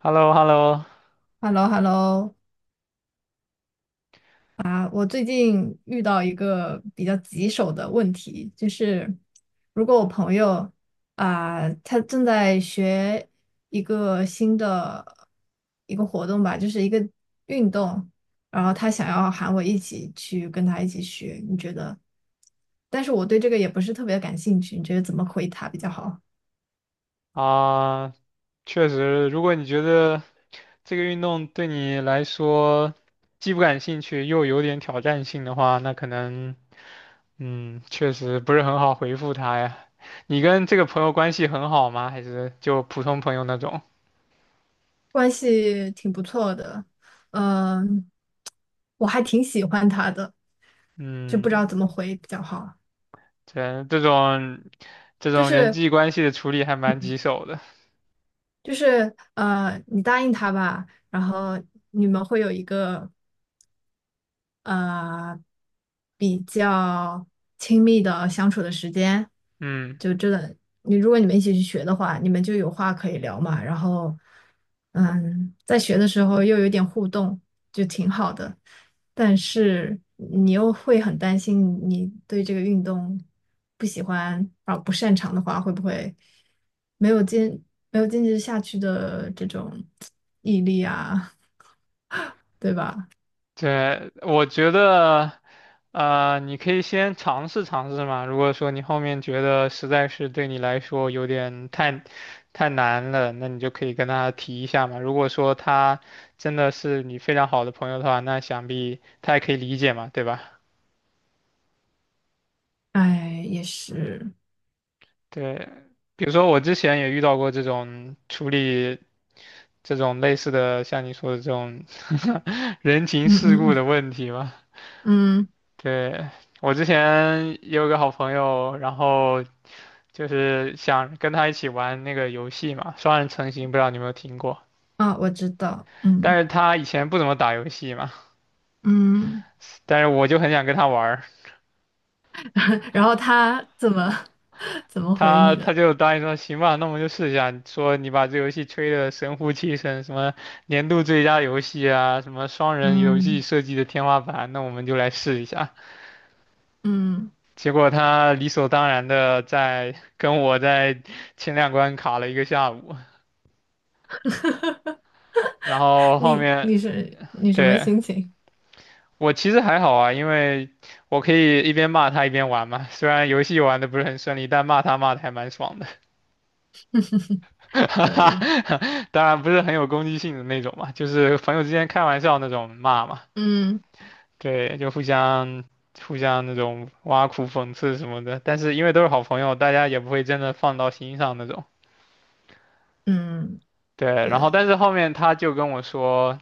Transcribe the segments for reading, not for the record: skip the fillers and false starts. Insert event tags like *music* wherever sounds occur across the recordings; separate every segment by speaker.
Speaker 1: h e l l o h e l l o
Speaker 2: hello hello。 啊，我最近遇到一个比较棘手的问题，就是如果我朋友他正在学一个新的一个活动吧，就是一个运动，然后他想要喊我一起去跟他一起学，你觉得？但是我对这个也不是特别感兴趣，你觉得怎么回他比较好？
Speaker 1: 啊，确实，如果你觉得这个运动对你来说既不感兴趣又有点挑战性的话，那可能，嗯，确实不是很好回复他呀。你跟这个朋友关系很好吗？还是就普通朋友那种？
Speaker 2: 关系挺不错的，嗯，我还挺喜欢他的，就不知道怎么
Speaker 1: 嗯，
Speaker 2: 回比较好。
Speaker 1: 这种这
Speaker 2: 就
Speaker 1: 种人
Speaker 2: 是
Speaker 1: 际关系的处理还蛮棘手的。
Speaker 2: 就是,你答应他吧，然后你们会有一个呃比较亲密的相处的时间，
Speaker 1: 嗯。
Speaker 2: 就真的如果你们一起去学的话，你们就有话可以聊嘛，然后嗯，在学的时候又有点互动，就挺好的。但是你又会很担心，你对这个运动不喜欢啊不擅长的话，会不会没有坚没有坚持下去的这种毅力啊，对吧？
Speaker 1: 对，我觉得，你可以先尝试尝试嘛。如果说你后面觉得实在是对你来说有点太难了，那你就可以跟他提一下嘛。如果说他真的是你非常好的朋友的话，那想必他也可以理解嘛，对吧？
Speaker 2: 哎，也是，
Speaker 1: 对，比如说我之前也遇到过这种处理这种类似的，像你说的这种 *laughs* 人情
Speaker 2: 嗯
Speaker 1: 世
Speaker 2: 嗯
Speaker 1: 故的
Speaker 2: 嗯。
Speaker 1: 问题嘛。
Speaker 2: 嗯，
Speaker 1: 对，我之前也有个好朋友，然后。就是想跟他一起玩那个游戏嘛，双人成行，不知道你有没有听过？
Speaker 2: 啊，我知道，嗯
Speaker 1: 但是他以前不怎么打游戏嘛，
Speaker 2: 嗯，
Speaker 1: 但是我就很想跟他玩儿
Speaker 2: *laughs* 然后他怎么 *laughs* 怎么回
Speaker 1: 他
Speaker 2: 你
Speaker 1: 他
Speaker 2: 的？
Speaker 1: 就答应说行吧，那我们就试一下，说你把这游戏吹得神乎其神，什么年度最佳游戏啊，什么双人游戏
Speaker 2: 嗯，
Speaker 1: 设计的天花板，那我们就来试一下。
Speaker 2: 嗯，
Speaker 1: 结果他理所当然的在跟我在前两关卡了一个下午，然后后
Speaker 2: 你
Speaker 1: 面
Speaker 2: 你是你什么
Speaker 1: 对
Speaker 2: 心情？
Speaker 1: 我其实还好啊，因为我可以一边骂他一边玩嘛。虽然游戏玩的不是很顺利，但骂他骂的还蛮爽的，*laughs* 哈
Speaker 2: 可
Speaker 1: 哈。
Speaker 2: 以，
Speaker 1: 当然不是很有攻击性的那种嘛，就是朋友之间开玩笑那种骂嘛。
Speaker 2: 嗯
Speaker 1: 对，就互相那种挖苦、讽刺什么的。但是因为都是好朋友，大家也不会真的放到心上那种。
Speaker 2: 嗯，
Speaker 1: 对，然后
Speaker 2: 对，
Speaker 1: 但是后面他就跟我说。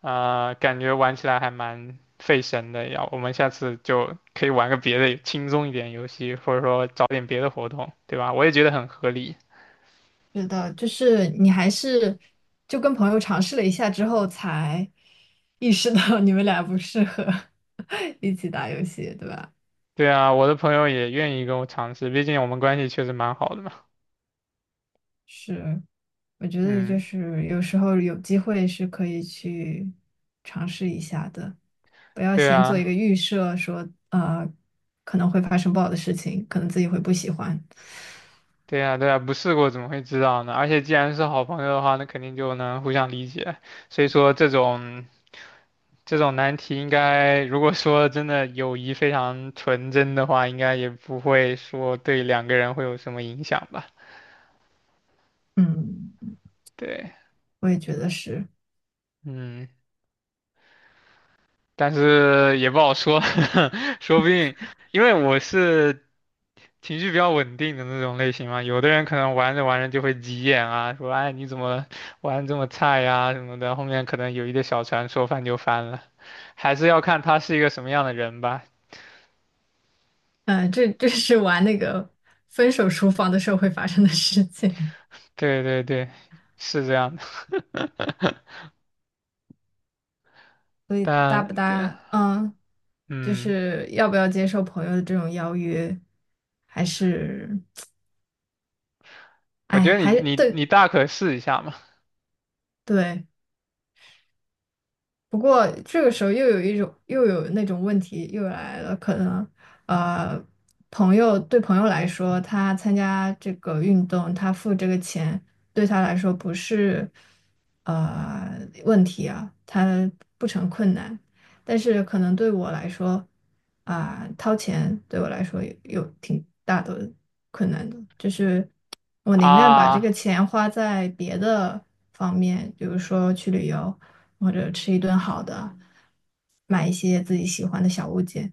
Speaker 1: 啊、感觉玩起来还蛮费神的呀。我们下次就可以玩个别的轻松一点游戏，或者说找点别的活动，对吧？我也觉得很合理。
Speaker 2: 知道，就是你还是就跟朋友尝试了一下之后，才意识到你们俩不适合 *laughs* 一起打游戏，对吧？
Speaker 1: 对啊，我的朋友也愿意跟我尝试，毕竟我们关系确实蛮好的嘛。
Speaker 2: 是，我觉得就
Speaker 1: 嗯，
Speaker 2: 是有时候有机会是可以去尝试一下的，不要
Speaker 1: 对
Speaker 2: 先做一
Speaker 1: 啊，
Speaker 2: 个预设说，可能会发生不好的事情，可能自己会不喜欢。
Speaker 1: 对啊，对啊，不试过怎么会知道呢？而且既然是好朋友的话，那肯定就能互相理解。所以说这种难题，应该如果说真的友谊非常纯真的话，应该也不会说对两个人会有什么影响吧。
Speaker 2: 嗯，
Speaker 1: 对，
Speaker 2: 我也觉得是，
Speaker 1: 嗯，但是也不好说，*laughs* 说不定，因为我是情绪比较稳定的那种类型嘛，有的人可能玩着玩着就会急眼啊，说哎你怎么玩这么菜呀、什么的，后面可能有一个小船说翻就翻了，还是要看他是一个什么样的人吧。
Speaker 2: 嗯、这是玩那个分手厨房的时候会发生的事情。
Speaker 1: 对对对，是这样的，*laughs*
Speaker 2: 所以搭不
Speaker 1: 但对，
Speaker 2: 搭，嗯，就
Speaker 1: 嗯，
Speaker 2: 是要不要接受朋友的这种邀约，还是，
Speaker 1: 我
Speaker 2: 哎，
Speaker 1: 觉得你
Speaker 2: 还
Speaker 1: 你
Speaker 2: 对
Speaker 1: 你大可试一下嘛，
Speaker 2: 对。不过这个时候又有一种又有那种问题又来了，可能呃，朋友对朋友来说，他参加这个运动，他付这个钱对他来说不是呃问题啊，他不成困难。但是可能对我来说，啊、掏钱对我来说有挺大的困难的，就是我宁愿把这
Speaker 1: 啊
Speaker 2: 个钱花在别的方面，比如说去旅游，或者吃一顿好的，买一些自己喜欢的小物件，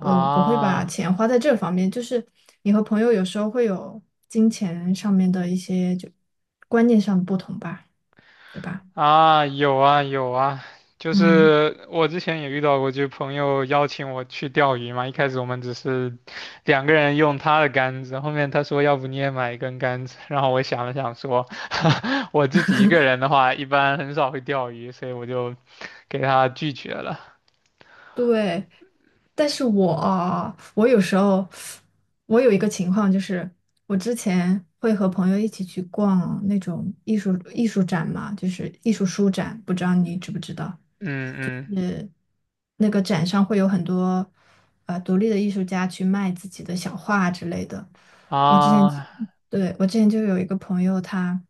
Speaker 2: 嗯、不会把
Speaker 1: 啊。
Speaker 2: 钱花在这方面。就是你和朋友有时候会有金钱上面的一些就观念上的不同吧，对吧？
Speaker 1: 啊，有啊有啊，就
Speaker 2: 嗯，
Speaker 1: 是我之前也遇到过，就是朋友邀请我去钓鱼嘛。一开始我们只是两个人用他的杆子，后面他说要不你也买一根杆子，然后我想了想说，*laughs* 我自己一个人的话一般很少会钓鱼，所以我就给他拒绝了。
Speaker 2: 对。但是我我有时候我有一个情况，就是我之前会和朋友一起去逛那种艺术展嘛，就是艺术书展，不知道你知不知道？
Speaker 1: 嗯
Speaker 2: 那个展上会有很多独立的艺术家去卖自己的小画之类的。
Speaker 1: 嗯
Speaker 2: 我之前
Speaker 1: 啊
Speaker 2: 对我之前就有一个朋友他。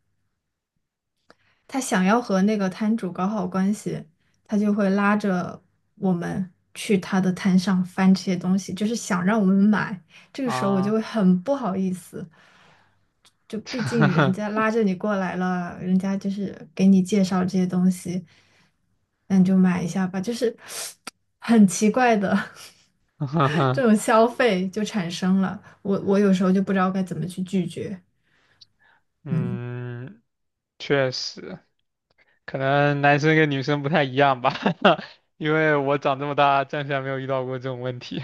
Speaker 2: 他想要和那个摊主搞好关系，他就会拉着我们去他的摊上翻这些东西，就是想让我们买。这个时候我就
Speaker 1: 啊，
Speaker 2: 会很不好意思，就毕竟人家拉着你过来了，人家就是给你介绍这些东西，那你就买一下吧，就是 *sniffs* 很奇怪的 *laughs* 这种
Speaker 1: *laughs*
Speaker 2: 消费就产生了。我有时候就不知道该怎么去拒绝，嗯。
Speaker 1: 嗯，确实，可能男生跟女生不太一样吧，*laughs* 因为我长这么大暂时还没有遇到过这种问题。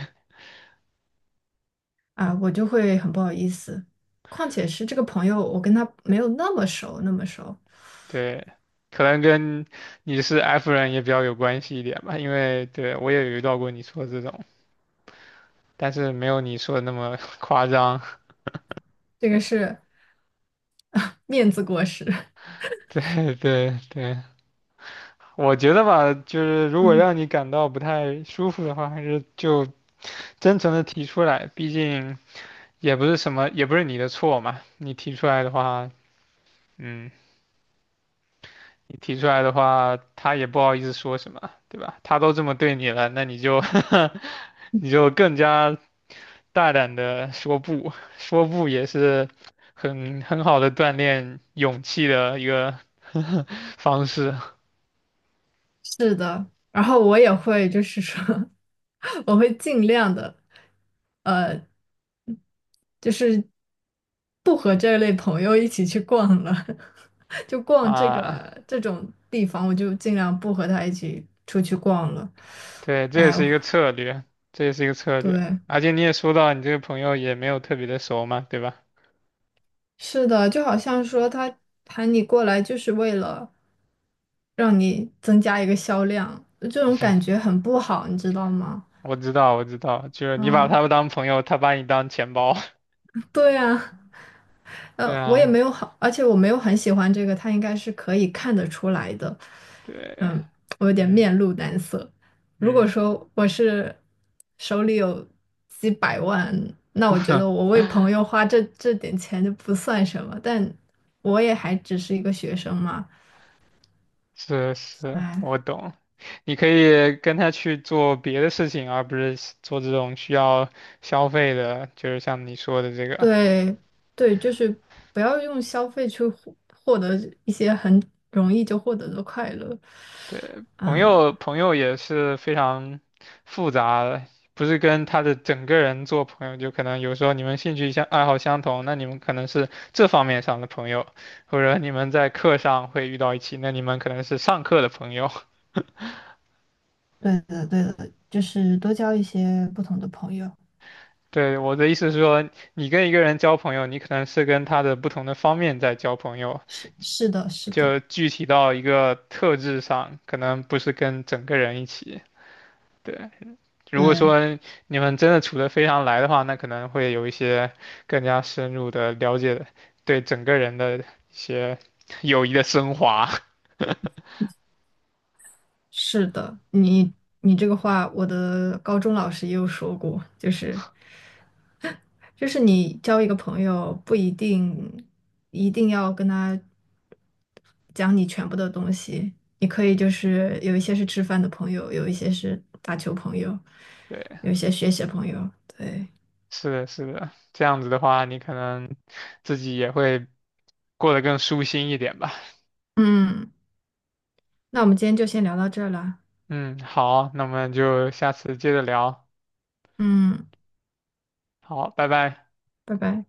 Speaker 2: 啊，我就会很不好意思。况且是这个朋友，我跟他没有那么熟，那么熟，
Speaker 1: 对，可能跟你是 F 人也比较有关系一点吧，因为对我也有遇到过你说的这种，但是没有你说的那么 *laughs* 夸张。
Speaker 2: 这个是 *laughs* 面子过时。*laughs*
Speaker 1: *laughs* 对对对，我觉得吧，就是如果
Speaker 2: 嗯，
Speaker 1: 让你感到不太舒服的话，还是就真诚的提出来，毕竟也不是什么，也不是你的错嘛，你提出来的话。嗯，你提出来的话，他也不好意思说什么，对吧？他都这么对你了，那你就 *laughs* 你就更加大胆的说不，说不也是很好的锻炼勇气的一个 *laughs* 方式
Speaker 2: 是的。然后我也会，就是说，*laughs* 我会尽量的，呃，就是不和这类朋友一起去逛了，*laughs* 就逛这
Speaker 1: 啊。
Speaker 2: 个这种地方，我就尽量不和他一起出去逛了。
Speaker 1: 对，这也
Speaker 2: 哎，
Speaker 1: 是
Speaker 2: 呦，
Speaker 1: 一个策略，这也是一个策略。
Speaker 2: 对。
Speaker 1: 而且你也说到，你这个朋友也没有特别的熟嘛，对吧？
Speaker 2: 是的，就好像说他喊你过来就是为了让你增加一个销量，这种感觉很不好，你知道吗？
Speaker 1: 我知道，我知道，就是你把他
Speaker 2: 嗯，
Speaker 1: 们当朋友，他把你当钱包。*laughs*
Speaker 2: 对啊，
Speaker 1: 对
Speaker 2: 我也
Speaker 1: 啊，
Speaker 2: 没有好，而且我没有很喜欢这个，他应该是可以看得出来的。
Speaker 1: 对，
Speaker 2: 嗯，我有点
Speaker 1: 嗯
Speaker 2: 面露难色。如
Speaker 1: 嗯。
Speaker 2: 果说我是手里有几百万，那我觉得我为朋
Speaker 1: *laughs*
Speaker 2: 友花这这点钱就不算什么，但我也还只是一个学生嘛。
Speaker 1: 是是，
Speaker 2: 哎，
Speaker 1: 我懂。你可以跟他去做别的事情，而不是做这种需要消费的，就是像你说的这个。
Speaker 2: 对对，就是不要用消费去获得一些很容易就获得的快乐。
Speaker 1: 对，朋
Speaker 2: 嗯，
Speaker 1: 友朋友也是非常复杂的，不是跟他的整个人做朋友，就可能有时候你们兴趣相爱好相同，那你们可能是这方面上的朋友，或者你们在课上会遇到一起，那你们可能是上课的朋友。*laughs*
Speaker 2: 对的对的，就是多交一些不同的朋友。
Speaker 1: 对，我的意思是说，你跟一个人交朋友，你可能是跟他的不同的方面在交朋友。
Speaker 2: 是是的，是的，
Speaker 1: 就具体到一个特质上，可能不是跟整个人一起。对，如果
Speaker 2: 对，
Speaker 1: 说你们真的处得非常来的话，那可能会有一些更加深入的了解，对整个人的一些友谊的升华。
Speaker 2: 是的。你你这个话，我的高中老师也有说过，就是就是你交一个朋友，不一定一定要跟他。讲你全部的东西。你可以就是有一些是吃饭的朋友，有一些是打球朋友，
Speaker 1: 对，
Speaker 2: 有一些学习朋友。对，
Speaker 1: 是的，是的，这样子的话，你可能自己也会过得更舒心一点吧。
Speaker 2: 嗯，那我们今天就先聊到这儿了。
Speaker 1: 嗯，好，那我们就下次接着聊。
Speaker 2: 嗯，
Speaker 1: 好，拜拜。
Speaker 2: 拜拜。